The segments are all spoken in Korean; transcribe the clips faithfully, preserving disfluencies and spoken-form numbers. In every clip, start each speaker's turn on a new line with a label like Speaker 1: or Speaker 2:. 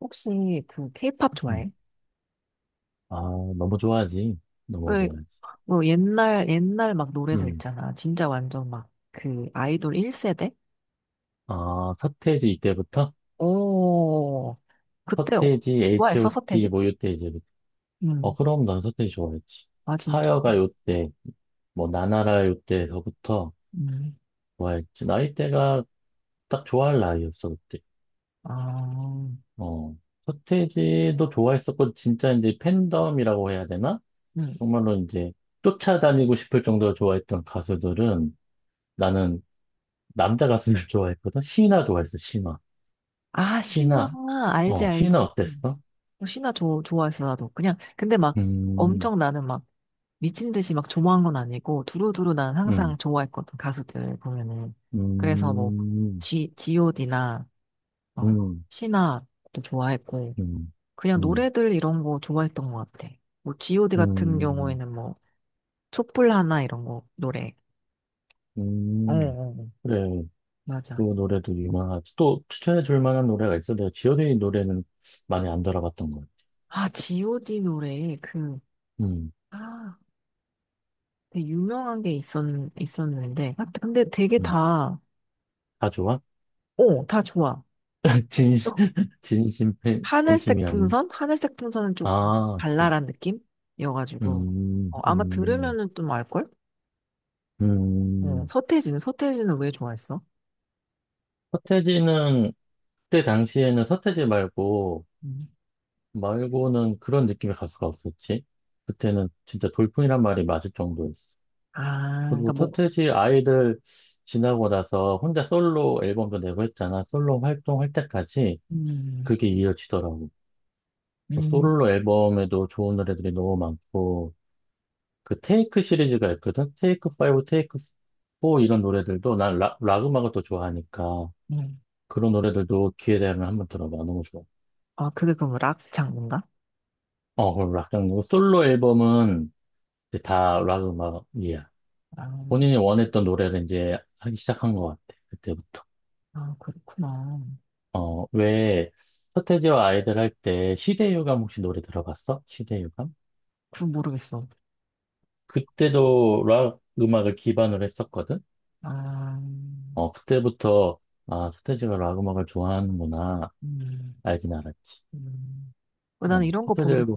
Speaker 1: 혹시 그 케이팝
Speaker 2: 음.
Speaker 1: 좋아해?
Speaker 2: 아, 너무 좋아하지. 너무
Speaker 1: 왜,
Speaker 2: 좋아하지.
Speaker 1: 뭐 옛날, 옛날 막 노래들
Speaker 2: 음.
Speaker 1: 있잖아. 진짜 완전 막 그 아이돌 일 세대?
Speaker 2: 아, 서태지 이때부터?
Speaker 1: 오, 그때 좋
Speaker 2: 서태지,
Speaker 1: 아했었었테
Speaker 2: 에이치오티
Speaker 1: 지
Speaker 2: 뭐 요때 이제부터. 어,
Speaker 1: 응.
Speaker 2: 그럼 난 서태지 좋아했지.
Speaker 1: 아, 진짜?
Speaker 2: 하여가 요때, 뭐 나나라 요때서부터
Speaker 1: 응.
Speaker 2: 좋아했지. 나이대가 딱 좋아할 나이였어, 그때.
Speaker 1: 아,
Speaker 2: 어. 서태지도 좋아했었고, 진짜 이제 팬덤이라고 해야 되나?
Speaker 1: 응.
Speaker 2: 정말로 이제 쫓아다니고 싶을 정도로 좋아했던 가수들은 나는 남자 가수를 좋아했거든? 신화 좋아했어, 신화.
Speaker 1: 아, 신화.
Speaker 2: 신화,
Speaker 1: 알지,
Speaker 2: 어, 신화
Speaker 1: 알지.
Speaker 2: 어땠어?
Speaker 1: 어, 신화 좋 좋아했어, 나도. 그냥, 근데 막
Speaker 2: 음,
Speaker 1: 엄청 나는 막 미친 듯이 막 좋아한 건 아니고 두루두루 난
Speaker 2: 음,
Speaker 1: 항상 좋아했거든 가수들 보면은 그래서 뭐
Speaker 2: 음,
Speaker 1: G, 지오디.D나 어,
Speaker 2: 음,
Speaker 1: 신화도 좋아했고,
Speaker 2: 음,
Speaker 1: 그냥
Speaker 2: 음,
Speaker 1: 노래들 이런 거 좋아했던 것 같아. 뭐, 지오디.D 같은
Speaker 2: 음,
Speaker 1: 경우에는 뭐, 촛불 하나 이런 거, 노래. 어,
Speaker 2: 음.
Speaker 1: 어, 어,
Speaker 2: 그래, 그
Speaker 1: 맞아.
Speaker 2: 노래도 유명하지. 또 추천해 줄 만한 노래가 있어? 내가 지효의 노래는 많이 안 들어봤던 것 같아.
Speaker 1: 아, 지오디.D 노래, 그,
Speaker 2: 음,
Speaker 1: 아, 되게 유명한 게 있었, 있었는데. 아, 근데 되게
Speaker 2: 음.
Speaker 1: 다,
Speaker 2: 다 좋아?
Speaker 1: 어, 다 좋아.
Speaker 2: 진심,
Speaker 1: 좀,
Speaker 2: 진심 팬,
Speaker 1: 하늘색
Speaker 2: 팬심이 아닌.
Speaker 1: 풍선? 하늘색 풍선은 좀
Speaker 2: 아, 그치.
Speaker 1: 발랄한 느낌이어가지고.
Speaker 2: 음,
Speaker 1: 어, 아마
Speaker 2: 음,
Speaker 1: 들으면은 좀 알걸? 어,
Speaker 2: 음.
Speaker 1: 서태지는, 서태지는 왜 좋아했어?
Speaker 2: 서태지는, 그때 당시에는 서태지 말고,
Speaker 1: 음.
Speaker 2: 말고는 그런 느낌의 가수가 없었지. 그때는 진짜 돌풍이란 말이 맞을 정도였어.
Speaker 1: 아, 그러니까
Speaker 2: 그리고
Speaker 1: 뭐,
Speaker 2: 서태지 아이들 지나고 나서 혼자 솔로 앨범도 내고 했잖아. 솔로 활동할 때까지
Speaker 1: 음,
Speaker 2: 그게 이어지더라고. 뭐
Speaker 1: 음,
Speaker 2: 솔로 앨범에도 좋은 노래들이 너무 많고, 그 테이크 시리즈가 있거든? 테이크 오, 테이크 사 이런 노래들도 난 락, 락 음악을 또 좋아하니까
Speaker 1: 음.
Speaker 2: 그런 노래들도 기회 되면 한번 들어봐. 너무 좋아.
Speaker 1: 아, 그게 그럼 락 장르인가?
Speaker 2: 어, 그럼 락, 그리고 솔로 앨범은 이제 다 락 음악이야.
Speaker 1: 아,
Speaker 2: 본인이 원했던 노래를 이제 하기 시작한 것 같아. 그때부터.
Speaker 1: 아, 그렇구나.
Speaker 2: 어, 왜 서태지와 아이들 할 때 시대유감 혹시 노래 들어봤어? 시대유감?
Speaker 1: 그건 모르겠어.
Speaker 2: 그때도 락 음악을 기반으로 했었거든?
Speaker 1: 아,
Speaker 2: 어, 그때부터 아, 서태지가 락 음악을 좋아하는구나
Speaker 1: 음,
Speaker 2: 알긴 알았지.
Speaker 1: 음. 어,
Speaker 2: 어,
Speaker 1: 나는 이런 거
Speaker 2: 서태지
Speaker 1: 보면
Speaker 2: 앨범,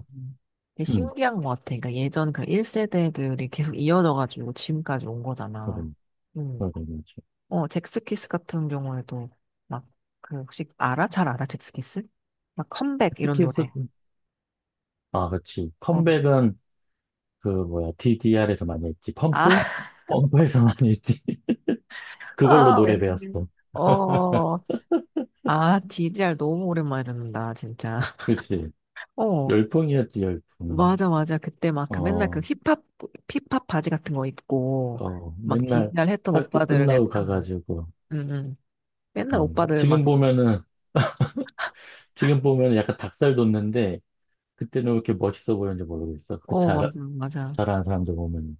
Speaker 1: 되게
Speaker 2: 음,
Speaker 1: 신기한 것 같아. 그러니까 예전 그 일 세대들이 계속 이어져가지고 지금까지 온
Speaker 2: 노래,
Speaker 1: 거잖아. 음.
Speaker 2: 노래 들려줘.
Speaker 1: 어, 잭스키스 같은 경우에도 막, 그, 혹시 알아? 잘 알아? 잭스키스? 막 컴백 이런
Speaker 2: 특히 서,
Speaker 1: 노래.
Speaker 2: 아, 그렇지.
Speaker 1: 어.
Speaker 2: 컴백은 그 뭐야, 디디알에서 많이 했지.
Speaker 1: 아,
Speaker 2: 펌프? 펌프에서 많이 했지. 그걸로
Speaker 1: 아,
Speaker 2: 노래
Speaker 1: 왠지.
Speaker 2: 배웠어.
Speaker 1: 어, 아, 디디알 너무 오랜만에 듣는다, 진짜.
Speaker 2: 그렇지.
Speaker 1: 어,
Speaker 2: 열풍이었지, 열풍.
Speaker 1: 맞아, 맞아. 그때 막 그 맨날 그
Speaker 2: 어,
Speaker 1: 힙합, 힙합 바지 같은 거 입고,
Speaker 2: 어,
Speaker 1: 막
Speaker 2: 맨날
Speaker 1: 디디알 했던
Speaker 2: 학교
Speaker 1: 오빠들 내가
Speaker 2: 끝나고
Speaker 1: 참,
Speaker 2: 가가지고,
Speaker 1: 응, 응. 맨날
Speaker 2: 어,
Speaker 1: 오빠들 막,
Speaker 2: 지금 보면은, 지금 보면은 약간 닭살 돋는데, 그때는 왜 이렇게 멋있어 보였는지 모르겠어. 그
Speaker 1: 어, 맞아,
Speaker 2: 잘,
Speaker 1: 맞아.
Speaker 2: 잘하는 사람들 보면.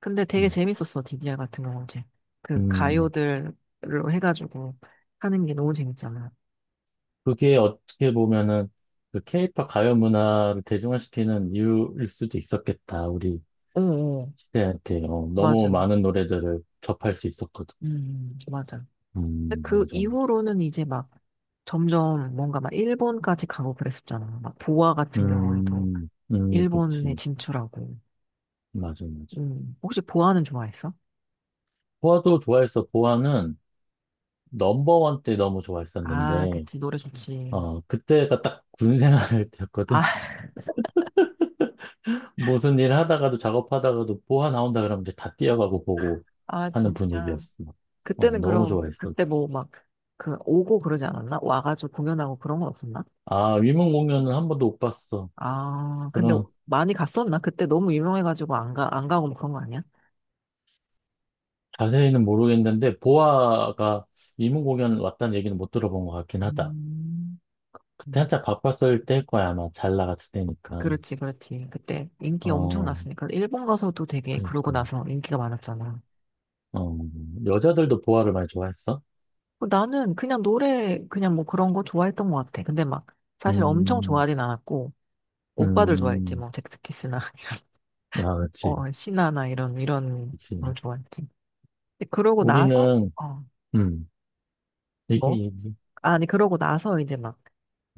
Speaker 1: 근데 되게
Speaker 2: 음,
Speaker 1: 재밌었어, 디디알 같은 경우는 이제. 그
Speaker 2: 음,
Speaker 1: 가요들로 해가지고 하는 게 너무 재밌잖아.
Speaker 2: 그게 어떻게 보면은, 그 케이팝 가요 문화를 대중화시키는 이유일 수도 있었겠다. 우리
Speaker 1: 어, 어,
Speaker 2: 시대한테, 어,
Speaker 1: 맞아.
Speaker 2: 너무
Speaker 1: 음,
Speaker 2: 많은 노래들을 접할 수 있었거든.
Speaker 1: 음. 맞아. 근데
Speaker 2: 음,
Speaker 1: 그
Speaker 2: 맞아, 맞아.
Speaker 1: 이후로는 이제 막 점점 뭔가 막 일본까지 가고 그랬었잖아. 막 보아 같은 경우에도.
Speaker 2: 음, 음,
Speaker 1: 일본에
Speaker 2: 그치.
Speaker 1: 진출하고.
Speaker 2: 맞아, 맞아.
Speaker 1: 음. 혹시 보아는 좋아했어?
Speaker 2: 보아도 좋아했어. 보아는 넘버원 때 너무
Speaker 1: 아,
Speaker 2: 좋아했었는데,
Speaker 1: 그치. 노래 좋지.
Speaker 2: 어, 그때가 딱 군 생활할 때였거든.
Speaker 1: 아,
Speaker 2: 무슨 일 하다가도 작업하다가도 보아 나온다 그러면 이제 다 뛰어가고 보고
Speaker 1: 아,
Speaker 2: 하는
Speaker 1: 진짜.
Speaker 2: 분위기였어. 어,
Speaker 1: 그때는
Speaker 2: 너무
Speaker 1: 그럼,
Speaker 2: 좋아했어.
Speaker 1: 그때 뭐 막, 그, 오고 그러지 않았나? 와가지고 공연하고 그런 건 없었나?
Speaker 2: 아, 위문 공연은 한 번도 못 봤어.
Speaker 1: 아, 근데
Speaker 2: 그럼
Speaker 1: 많이 갔었나? 그때 너무 유명해가지고 안 가, 안 가고 뭐 그런 거 아니야?
Speaker 2: 자세히는 모르겠는데, 보아가 위문 공연 왔다는 얘기는 못 들어본 것 같긴 하다.
Speaker 1: 음,
Speaker 2: 그때
Speaker 1: 음.
Speaker 2: 한참 바빴을 때일 거야, 아마. 잘 나갔을 때니까.
Speaker 1: 그렇지, 그렇지. 그때 인기 엄청
Speaker 2: 어,
Speaker 1: 났으니까. 일본 가서도 되게 그러고
Speaker 2: 그니까.
Speaker 1: 나서 인기가 많았잖아.
Speaker 2: 어, 여자들도 보아를 많이 좋아했어?
Speaker 1: 어, 나는 그냥 노래, 그냥 뭐 그런 거 좋아했던 것 같아. 근데 막, 사실 엄청
Speaker 2: 음,
Speaker 1: 좋아하진 않았고, 오빠들 좋아했지,
Speaker 2: 음,
Speaker 1: 뭐, 잭스키스나, 이런,
Speaker 2: 아, 그치,
Speaker 1: 어, 신화나 이런, 이런 걸
Speaker 2: 그치.
Speaker 1: 좋아했지. 근데 그러고 나서,
Speaker 2: 우리는,
Speaker 1: 어,
Speaker 2: 음, 얘기,
Speaker 1: 뭐?
Speaker 2: 얘기,
Speaker 1: 아니, 그러고 나서 이제 막,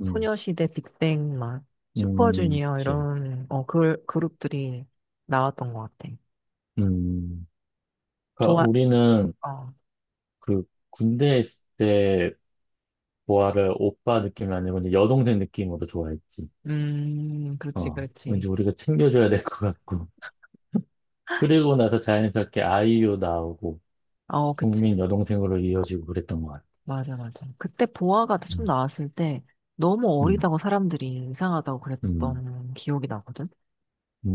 Speaker 2: 음,
Speaker 1: 소녀시대, 빅뱅, 막,
Speaker 2: 음,
Speaker 1: 슈퍼주니어,
Speaker 2: 그치,
Speaker 1: 이런, 어, 그, 그룹들이 나왔던 것 같아.
Speaker 2: 음. 그러니까
Speaker 1: 좋아,
Speaker 2: 우리는
Speaker 1: 어,
Speaker 2: 그 군대에 있을 때 보아를 오빠 느낌이 아니고 이제 여동생 느낌으로 좋아했지.
Speaker 1: 음, 그렇지,
Speaker 2: 어, 왠지
Speaker 1: 그렇지.
Speaker 2: 우리가 챙겨줘야 될 것 같고. 그리고 나서 자연스럽게 아이유 나오고,
Speaker 1: 어, 그치.
Speaker 2: 국민 여동생으로 이어지고 그랬던 것 같아.
Speaker 1: 맞아, 맞아. 그때 보아가 좀
Speaker 2: 음,
Speaker 1: 나왔을 때, 너무
Speaker 2: 음,
Speaker 1: 어리다고 사람들이 이상하다고
Speaker 2: 음,
Speaker 1: 그랬던 기억이 나거든.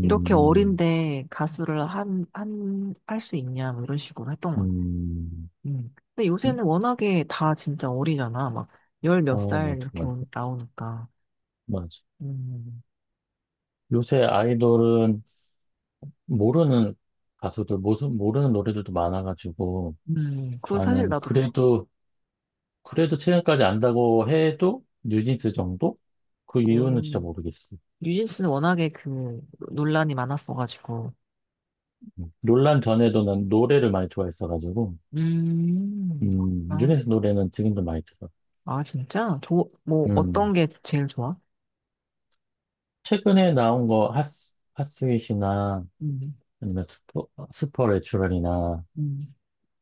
Speaker 1: 이렇게 어린데 가수를 한, 한, 할 수 있냐, 뭐 이런 식으로 했던 것 같아요.
Speaker 2: 음.
Speaker 1: 음. 근데
Speaker 2: 음.
Speaker 1: 요새는 워낙에 다 진짜 어리잖아. 막, 열
Speaker 2: 아,
Speaker 1: 몇 살
Speaker 2: 맞아,
Speaker 1: 이렇게
Speaker 2: 맞아.
Speaker 1: 온- 나오니까.
Speaker 2: 맞아.
Speaker 1: 음,
Speaker 2: 요새 아이돌은 모르는 가수들, 모수- 모르는 노래들도 많아가지고
Speaker 1: 음, 그거 사실
Speaker 2: 나는
Speaker 1: 나도 그래.
Speaker 2: 그래도, 그래도 최근까지 안다고 해도 뉴진스 정도? 그 이유는 진짜
Speaker 1: 음.
Speaker 2: 모르겠어.
Speaker 1: 뉴진스는 워낙에 그 논란이 많았어가지고.
Speaker 2: 음. 논란 전에도 난 노래를 많이 좋아했어가지고,
Speaker 1: 음,
Speaker 2: 음,
Speaker 1: 아,
Speaker 2: 뉴진스 노래는 지금도 많이 들어.
Speaker 1: 아, 진짜? 저, 뭐, 어떤
Speaker 2: 음,
Speaker 1: 게 제일 좋아?
Speaker 2: 최근에 나온 거 핫스, 핫스윗이나
Speaker 1: 음,
Speaker 2: 아니면 스포, 스퍼레츄럴이나
Speaker 1: 음,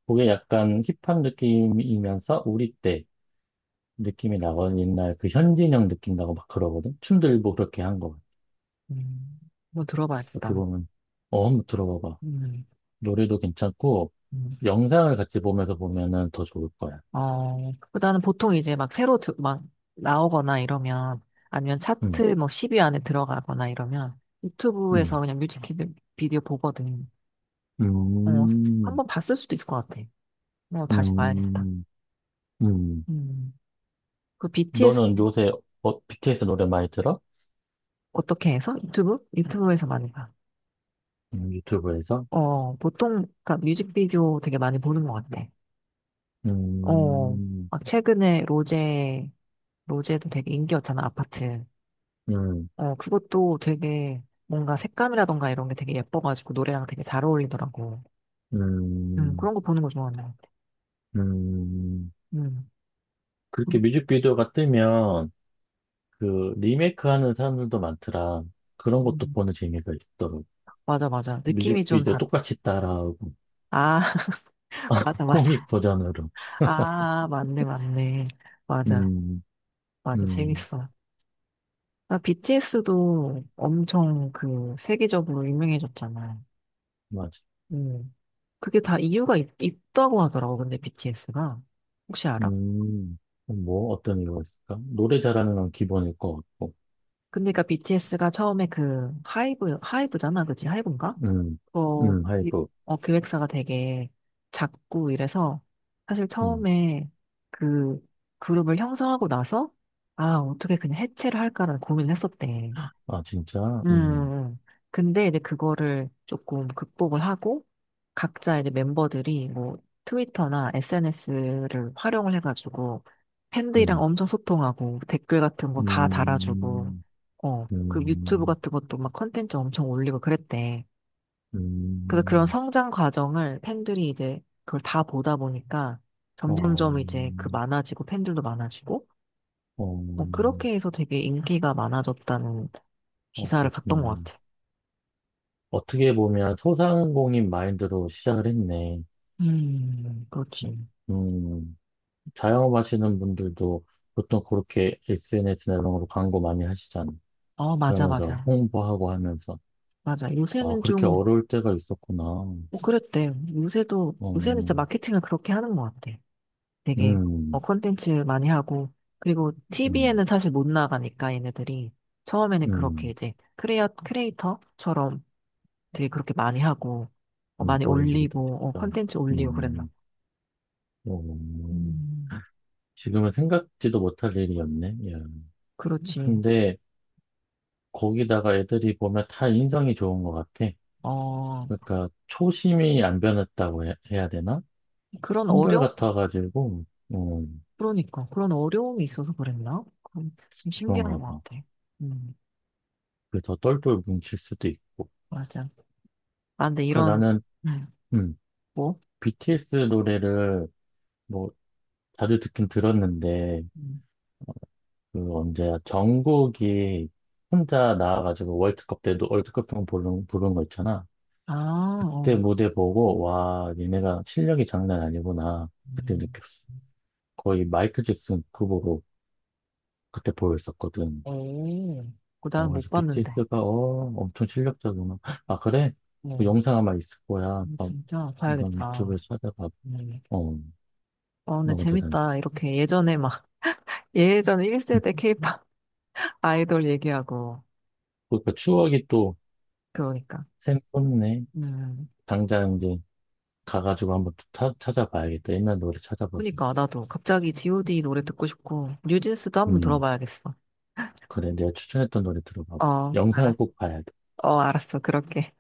Speaker 2: 그게 약간 힙한 느낌이면서 우리 때 느낌이 나거든. 옛날 그 현진영 느낌 나고 막 그러거든. 춤도 일부 그렇게 한 거.
Speaker 1: 음. 뭐
Speaker 2: 어떻게
Speaker 1: 들어봐야겠다.
Speaker 2: 보면, 어, 한번 들어봐봐.
Speaker 1: 음,
Speaker 2: 노래도 괜찮고,
Speaker 1: 음.
Speaker 2: 영상을 같이 보면서 보면은 더 좋을 거야.
Speaker 1: 어, 그다음 보통 이제 막 새로 드, 막 나오거나 이러면 아니면
Speaker 2: 음,
Speaker 1: 차트 뭐 십 위 안에 들어가거나 이러면
Speaker 2: 음,
Speaker 1: 유튜브에서 그냥 뮤직 비디- 비디오 보거든. 어,
Speaker 2: 음,
Speaker 1: 한번 봤을 수도 있을 것 같아. 어, 다시 봐야겠다.
Speaker 2: 음, 음.
Speaker 1: 음. 그 비티에스
Speaker 2: 너는 요새 어, 비티에스 노래 많이 들어?
Speaker 1: 어떻게 해서? 유튜브? 유튜브에서 많이 봐.
Speaker 2: 음, 유튜브에서?
Speaker 1: 어, 보통 그니까 뮤직비디오 되게 많이 보는 것 같아. 어,
Speaker 2: 음,
Speaker 1: 막 최근에 로제, 로제도 되게 인기였잖아, 아파트.
Speaker 2: 음,
Speaker 1: 어, 그것도 되게 뭔가 색감이라던가 이런 게 되게 예뻐가지고 노래랑 되게 잘 어울리더라고. 음,
Speaker 2: 음,
Speaker 1: 그런 거 보는 거 좋아하는 것 같아.
Speaker 2: 음.
Speaker 1: 음,
Speaker 2: 그렇게
Speaker 1: 음,
Speaker 2: 뮤직비디오가 뜨면 그 리메이크 하는 사람들도 많더라. 그런 것도
Speaker 1: 음.
Speaker 2: 보는 재미가 있더라고.
Speaker 1: 맞아, 맞아. 느낌이 좀
Speaker 2: 뮤직비디오
Speaker 1: 다,
Speaker 2: 똑같이 따라하고,
Speaker 1: 아, 맞아,
Speaker 2: 코믹
Speaker 1: 맞아.
Speaker 2: 버전으로.
Speaker 1: 아, 맞네, 맞네. 맞아,
Speaker 2: 음,
Speaker 1: 맞아.
Speaker 2: 음,
Speaker 1: 재밌어. 아, 비티에스도 엄청 그 세계적으로 유명해졌잖아.
Speaker 2: 맞아.
Speaker 1: 음, 그게 다
Speaker 2: 맞아.
Speaker 1: 이유가 있, 있다고 하더라고, 근데 비티에스가. 혹시 알아?
Speaker 2: 음, 뭐, 어떤 이유가 있을까? 노래 잘하는 건 기본일 것 같고,
Speaker 1: 근데 그 비티에스가 처음에 그 하이브, 하이브잖아, 그치? 하이브인가?
Speaker 2: 음,
Speaker 1: 어,
Speaker 2: 음,
Speaker 1: 이-
Speaker 2: 하이브,
Speaker 1: 어, 기획사가 되게 작고 이래서 사실
Speaker 2: 음,
Speaker 1: 처음에 그 그룹을 형성하고 나서 아, 어떻게 그냥 해체를 할까라는 고민을 했었대.
Speaker 2: 아, 진짜?
Speaker 1: 음.
Speaker 2: 음,
Speaker 1: 음. 근데 이제 그거를 조금 극복을 하고 각자 이제 멤버들이 뭐 트위터나 에스엔에스를 활용을 해가지고 팬들이랑
Speaker 2: 음,
Speaker 1: 엄청 소통하고 댓글 같은 거 다 달아주고
Speaker 2: 음,
Speaker 1: 어, 그 유튜브
Speaker 2: 음,
Speaker 1: 같은 것도 막 컨텐츠 엄청 올리고 그랬대. 그래서 그런
Speaker 2: 음,
Speaker 1: 성장 과정을 팬들이 이제 그걸 다 보다 보니까
Speaker 2: 어,
Speaker 1: 점점점 이제 그 많아지고 팬들도 많아지고
Speaker 2: 어,
Speaker 1: 뭐 그렇게 해서 되게 인기가 많아졌다는
Speaker 2: 어,
Speaker 1: 기사를
Speaker 2: 그렇구나.
Speaker 1: 봤던 것 같아.
Speaker 2: 어떻게 보면 소상공인 마인드로 시작을 했네.
Speaker 1: 음, 그렇지.
Speaker 2: 음, 자영업하시는 분들도 보통 그렇게 에스엔에스나 이런 걸로 광고 많이 하시잖아요.
Speaker 1: 어, 맞아,
Speaker 2: 그러면서
Speaker 1: 맞아.
Speaker 2: 홍보하고 하면서
Speaker 1: 맞아.
Speaker 2: 아
Speaker 1: 요새는
Speaker 2: 그렇게
Speaker 1: 좀,
Speaker 2: 어려울 때가 있었구나. 어,
Speaker 1: 뭐 그랬대. 요새도, 요새는 진짜
Speaker 2: 음,
Speaker 1: 마케팅을 그렇게 하는 것 같아. 되게, 어,
Speaker 2: 음,
Speaker 1: 콘텐츠 많이 하고, 그리고 티비에는 사실 못 나가니까 얘네들이 처음에는 그렇게
Speaker 2: 음,
Speaker 1: 이제 크레어 크리에이터처럼 되게 그렇게 많이 하고, 어,
Speaker 2: 음,
Speaker 1: 많이
Speaker 2: 어린들이 다
Speaker 1: 올리고, 어,
Speaker 2: 진짜.
Speaker 1: 콘텐츠 올리고 그랬나 봐.
Speaker 2: 음, 어, 어, 어.
Speaker 1: 음.
Speaker 2: 지금은 생각지도 못할 일이었네. 예.
Speaker 1: 그렇지.
Speaker 2: 근데 거기다가 애들이 보면 다 인성이 좋은 것 같아.
Speaker 1: 어,
Speaker 2: 그러니까 초심이 안 변했다고 해, 야 되나?
Speaker 1: 그런 어려,
Speaker 2: 한결같아가지고 어,
Speaker 1: 그러니까, 그런 어려움이 있어서 그랬나? 그건 좀 신기한
Speaker 2: 그런가
Speaker 1: 것
Speaker 2: 봐.
Speaker 1: 같아. 음,
Speaker 2: 그 더 똘똘 뭉칠 수도 있고.
Speaker 1: 맞아. 아, 근데
Speaker 2: 그
Speaker 1: 이런,
Speaker 2: 나는
Speaker 1: 음,
Speaker 2: 음,
Speaker 1: 뭐?
Speaker 2: 비티에스 노래를 뭐 자주 듣긴 들었는데
Speaker 1: 음,
Speaker 2: 그 언제야 정국이 혼자 나와가지고 월드컵 때도 월드컵송 부른 부른 거 있잖아.
Speaker 1: 아,
Speaker 2: 그때
Speaker 1: 어,
Speaker 2: 무대 보고 와 얘네가 실력이 장난 아니구나 그때
Speaker 1: 음,
Speaker 2: 느꼈어. 거의 마이클 잭슨 급으로 그때 보였었거든.
Speaker 1: 오, 그거
Speaker 2: 어,
Speaker 1: 나는 못
Speaker 2: 그래서
Speaker 1: 봤는데.
Speaker 2: 비티에스가 어 엄청 실력자구나. 아 그래?
Speaker 1: 뭐,
Speaker 2: 그 영상 아마 있을 거야. 한번
Speaker 1: 진짜
Speaker 2: 한번
Speaker 1: 봐야겠다.
Speaker 2: 유튜브에서 찾아봐.
Speaker 1: 음.
Speaker 2: 어
Speaker 1: 어, 근데
Speaker 2: 너무
Speaker 1: 재밌다.
Speaker 2: 대단했어.
Speaker 1: 이렇게 예전에 막, 예전에 일 세대 케이팝 아이돌 얘기하고,
Speaker 2: 그러니까 추억이 또
Speaker 1: 그러니까.
Speaker 2: 샘솟네.
Speaker 1: 음.
Speaker 2: 당장 이제 가가지고 한번 또 타- 찾아봐야겠다. 옛날 노래 찾아봐.
Speaker 1: 그니까 나도 갑자기 지오디.D 노래 듣고 싶고 뉴진스도 한번
Speaker 2: 음,
Speaker 1: 들어봐야겠어.
Speaker 2: 그래. 내가 추천했던 노래 들어봐.
Speaker 1: 어,
Speaker 2: 영상을
Speaker 1: 알았,
Speaker 2: 꼭 봐야 돼.
Speaker 1: 어, 알았어. 그럴게.